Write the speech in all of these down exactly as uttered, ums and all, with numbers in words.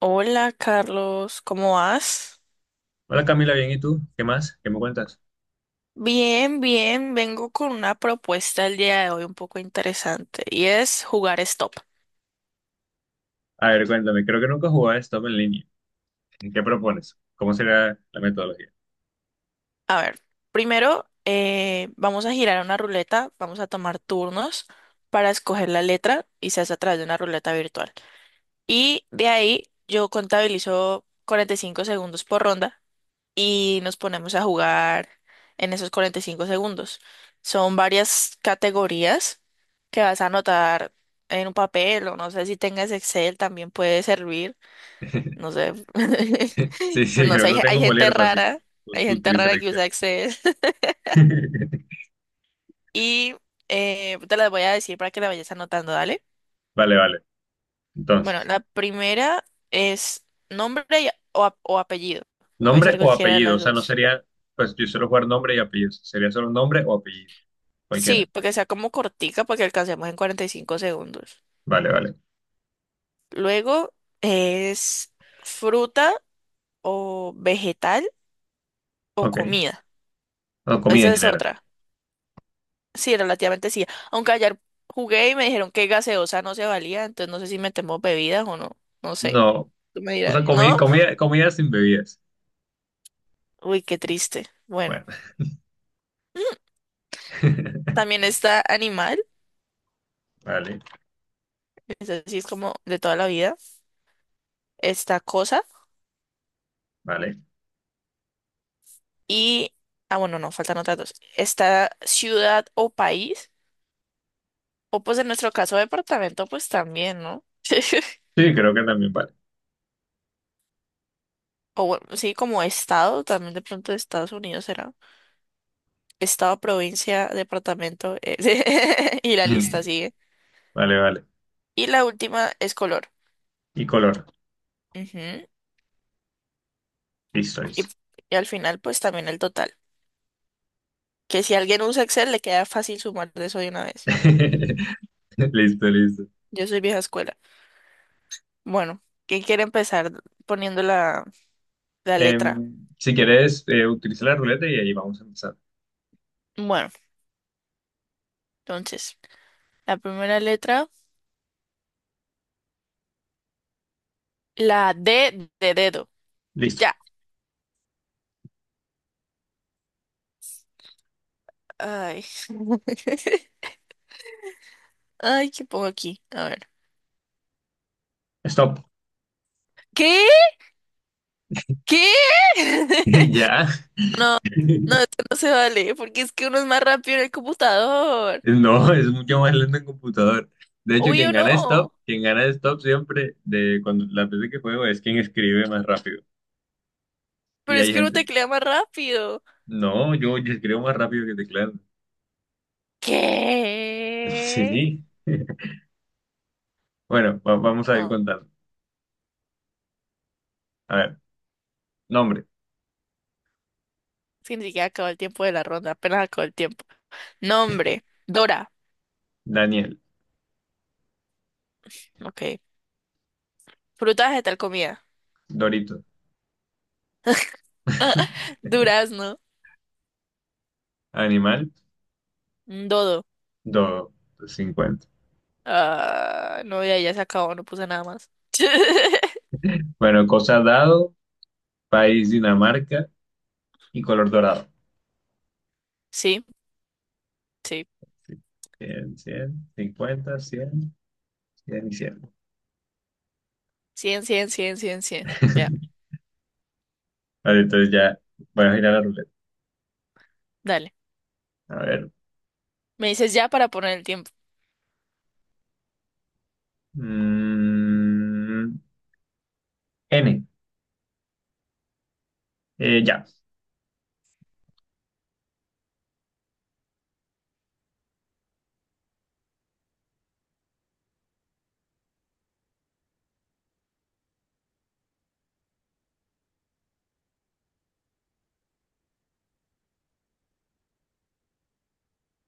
Hola Carlos, ¿cómo vas? Hola Camila, bien, ¿y tú? ¿Qué más? ¿Qué me cuentas? Bien, bien, vengo con una propuesta el día de hoy un poco interesante y es jugar stop. A ver, cuéntame, creo que nunca jugaba Stop en línea. ¿Qué propones? ¿Cómo sería la metodología? A ver, primero eh, vamos a girar una ruleta, vamos a tomar turnos para escoger la letra y se hace a través de una ruleta virtual. Y de ahí yo contabilizo cuarenta y cinco segundos por ronda y nos ponemos a jugar en esos cuarenta y cinco segundos. Son varias categorías que vas a anotar en un papel o no sé si tengas Excel también puede servir, no sé, Sí, pero sí, no creo sé, que no hay, tengo hay un gente bolígrafo, así que rara, pues, hay tú gente utilizas rara el que usa Excel. Excel y eh, te las voy a decir para que la vayas anotando, dale. Vale, vale. Bueno, Entonces, la primera es nombre y- o, ap- o apellido, puede nombre ser o cualquiera de apellido, o las sea, no dos. sería, pues yo suelo jugar nombre y apellido, sería solo nombre o apellido, cualquiera. Sí, porque sea como cortica, porque alcancemos en cuarenta y cinco segundos. Vale, vale. Luego es fruta o vegetal o Ok. comida. O comida Esa en es general. otra. Sí, relativamente sí. Aunque ayer jugué y me dijeron que gaseosa no se valía, entonces no sé si metemos bebidas o no. No sé. No, Tú me o dirás, sea, comida, ¿no? comida, comida sin bebidas. Uy, qué triste. Bueno, Bueno. también está animal, Vale, es así, es como de toda la vida. Está cosa vale. y... Ah, bueno, no, faltan otras dos. Está ciudad o país, o pues en nuestro caso departamento, pues también, ¿no? Sí, creo que también vale. O bueno, sí, como estado, también de pronto de Estados Unidos será. Estado, provincia, departamento, eh, y la lista sigue. Vale, vale. Y la última es color. Y color. Ujú. Listo, Y, listo. y al final, pues también el total. Que si alguien usa Excel, le queda fácil sumar de eso de una vez. Listo, listo. Yo soy vieja escuela. Bueno, ¿quién quiere empezar poniendo la, la letra? Em, si quieres, eh, utiliza la ruleta y ahí vamos a empezar. Bueno, entonces, la primera letra, la D de dedo. Listo. Ya. Ay. Ay, ¿qué pongo aquí? A ver. Stop. ¿Qué? ¿Qué? Ya. No, no, esto no se vale, porque es que uno es más rápido en el computador. No, es mucho más lento en computador. De hecho, quien Obvio gana stop, no, quien gana stop siempre, de cuando las veces que juego, es quien escribe más rápido. pero Y es hay que uno gente, teclea más rápido. no, yo, yo escribo más rápido que teclado. ¿Qué? Sí. Bueno, va- vamos a ir Oh, contando. A ver, nombre, es que ni siquiera acabó el tiempo de la ronda, apenas acabó el tiempo. Nombre, Dora. Daniel, Ok. Frutas de tal comida. Dorito. Durazno, Animal, un dodo. dos, cincuenta. Ah, no, ya, ya se acabó, no puse nada más. Bueno, cosa dado, país Dinamarca y color dorado. Sí, sí. Sí. Cien, 100, cincuenta, cien, cien y cien. Cien, cien, cien, cien, cien. Ya, Vale, entonces ya voy a girar la ruleta. dale. A ver. Me dices ya para poner el tiempo. Mm, N. Eh, ya.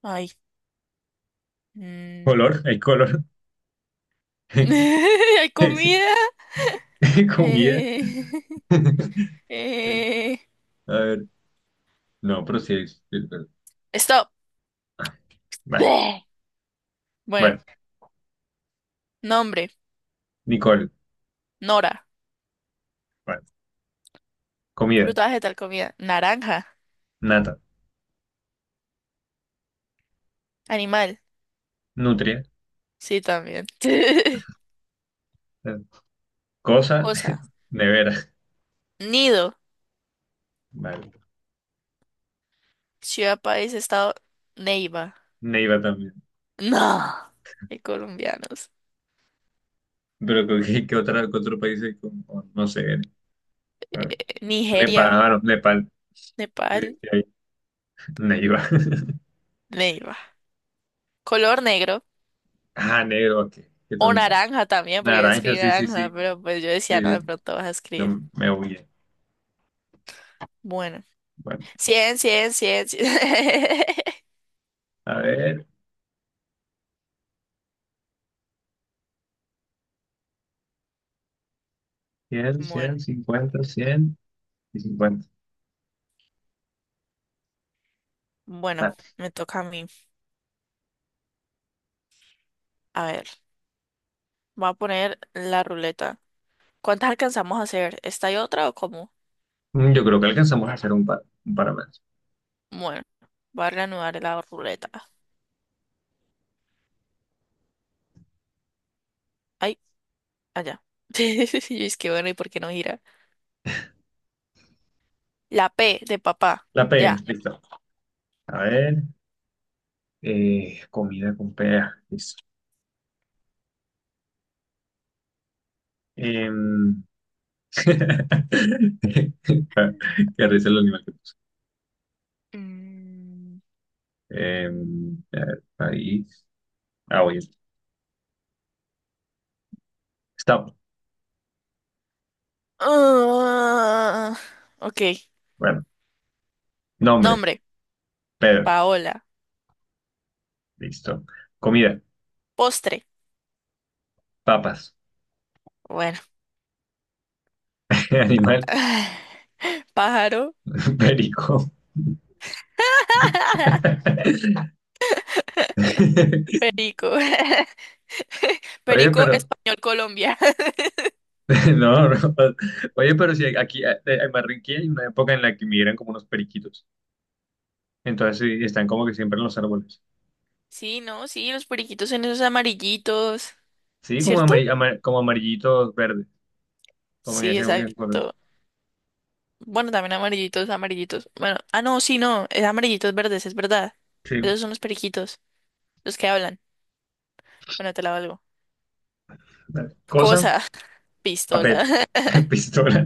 Ay. mm, Color, hay color. Hay comida. Comida. Eh, eh, A ver. No, pero sí es. es verdad. Stop. Ah, Vale. Bleh. Bueno, Bueno, nombre. Nicole. Nora. Vale. Comida. Fruta, vegetal, comida. Naranja. Nata. Animal. Nutria. Sí, también. eh, Cosa. Cosa. Nevera. Nido. Vale. Ciudad, país, estado. Neiva. Neiva también. No. Hay colombianos. Pero ¿con ¿qué, qué otra, qué otro país hay con, con- no sé. A ver. Nepal, Nigeria. ah, no, Nepal. Sí, Nepal. sí, hay. Neiva. Neiva. Color negro. Ah, negro, ok, qué O tonto. naranja también, porque yo Naranja, escribí sí, sí, sí. naranja, pero pues yo decía, no, Sí, sí. de pronto vas a escribir. No, me huye. Bueno. Bueno, Cien cien cien cien. a ver, cien, cien, Bueno, cincuenta, cien y cincuenta. bueno, Vale. me toca a mí. A ver, voy a poner la ruleta. ¿Cuántas alcanzamos a hacer? ¿Esta y otra o cómo? Mm, yo creo que alcanzamos a hacer un par, un par más. Bueno, voy a reanudar la ruleta. Ay, allá. Y es que bueno, ¿y por qué no gira? La P de papá. La P, Ya. listo. A ver, eh, comida con P, ah, listo. Em, Qué risa el animal. Mm. Em, Eh, a ver, país. Ah, oye. Stop. Ah, ok. Bueno, nombre. Nombre, Pedro. Paola. Listo. Comida. Postre. Papas. Bueno. Animal. Pájaro. Perico. Perico. Oye, Perico, pero. español, Colombia. No, no. Oye, pero si aquí eh, eh, en Barranquilla hay una época en la que migran como unos periquitos. Entonces sí, están como que siempre en los árboles. Sí, no, sí, los periquitos son esos amarillitos, Sí, como, ¿cierto? amari- amar- como amarillitos verdes. Como en Sí, ese. En color. exacto. Bueno, también amarillitos, amarillitos. Bueno, ah, no, sí, no, es amarillitos verdes, es verdad. Sí. Esos son los periquitos, los que hablan. Bueno, te la valgo. Dale. Cosa. Cosa, pistola, Papel. Pistola.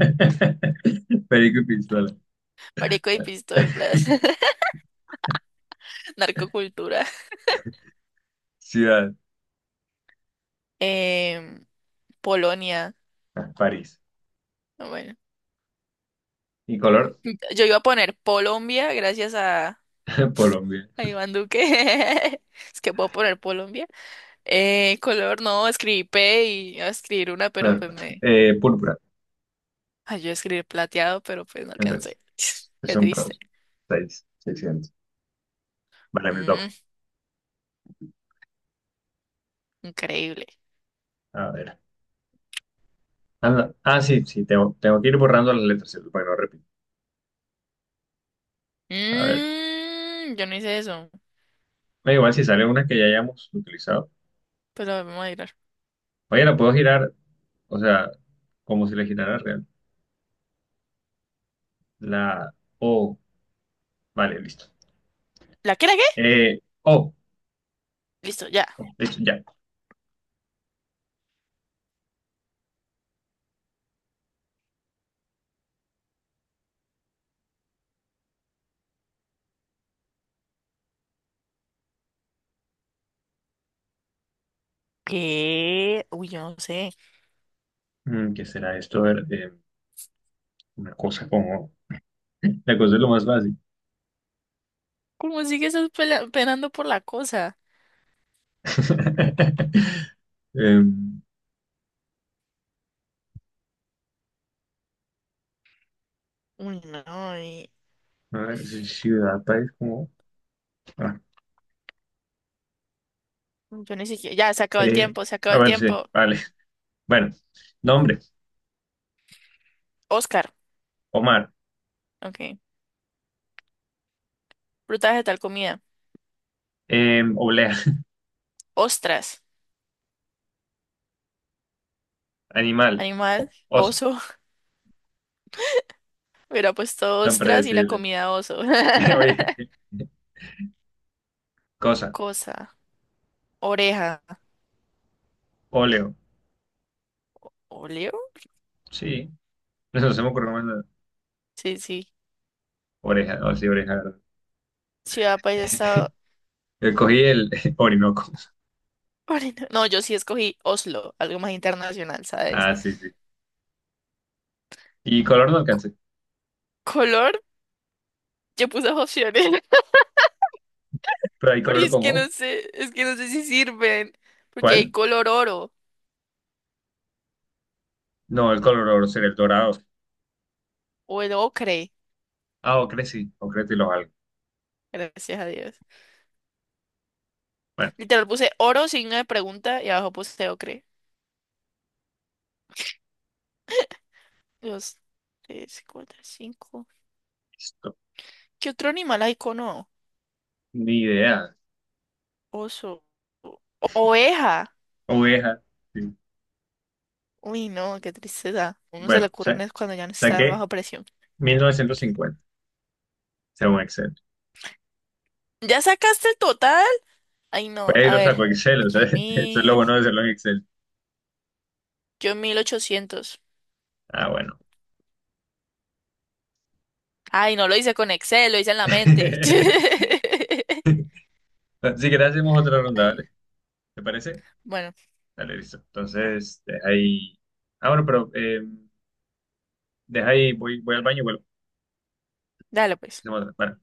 Perico y pistola. marico y pistolas, narcocultura, Ciudad. em, Polonia. Ah, París. Ah, bueno, Y color, yo iba a poner Colombia gracias a, Colombia. a Iván Duque. Es que puedo poner Colombia. Eh, color no, escribí P y iba a escribir una, pero Ah, pues me eh, púrpura. ayudó a escribir plateado, pero pues no Entonces, alcancé. Qué son triste. todos. Seis, seiscientos. Vale, me toca. Mm, Increíble. A ver. Anda. Ah, sí, sí, tengo, tengo que ir borrando las letras, ¿cierto? Para que no repito. A ver. Mm, yo no hice eso. Da igual si sale una que ya hayamos utilizado. Pues la vamos a tirar. Oye, la puedo girar, o sea, como si la girara real. La O. Vale, listo. ¿La qué, la qué? Eh, O. Listo, ya. Listo, ya. ¿Qué? Uy, yo no sé. Mm, ¿qué será esto? A ver, eh, una cosa como... La cosa es lo más fácil. ¿Cómo sigues penando por la cosa? Em, Uy, no. y- A ver, si ciudad, país, como... ah, Yo ni siquiera. Ya, se acabó el eh, tiempo, se acabó a el ver, sí, tiempo. vale. Bueno, nombre, Oscar. Omar. Ok. Fruta, vegetal, comida. Eh, oblea, Ostras. animal, Animal. o- oso. Oso. Hubiera puesto Tan ostras y la predecible. comida oso. Oye, cosa, Cosa. Oreja. óleo. ¿Oleo? Sí, no no se me ocurrió más nada. Sí, sí. Oreja, no, sí, oreja, ¿verdad? Ciudad, país, estado. Eh, Cogí el Orinoco. Orina- No, yo sí escogí Oslo, algo más internacional, ¿sabes? Ah, sí, sí. Y color no alcancé. Color, yo puse opciones. Pero hay Porque color es que no como, sé, es que no sé si sirven. Porque hay ¿cuál? color oro No, el color oro sería el dorado. o el ocre. Ah, ocre sí, ocre y los algo. Gracias a Dios. Bueno, Literal puse oro, signo de pregunta y abajo puse ocre. Dos, tres, cuatro, cinco. listo. ¿Qué otro animal hay con O? Ni idea. Oso. Oveja. Oveja. Sí. Uy, no, qué tristeza. Uno se le Bueno, sí. ocurren es cuando ya no está en Saqué baja presión. mil novecientos cincuenta, según Excel. ¿Ya sacaste el total? Ay, no, Pero a lo ver. saco Excel, o Aquí sea, hay eso es lo mil. bueno de hacerlo en Excel. Yo mil ochocientos. Ah, bueno. Ay, no lo hice con Excel, lo hice en la mente. Si querés, hacemos otra ronda, Ay, ¿vale? ¿Te parece? bueno, Dale, listo. Entonces, deja ahí. Ah, bueno, pero eh, deja ahí, voy, voy al baño y vuelvo. dale pues. Hacemos otra. Bueno.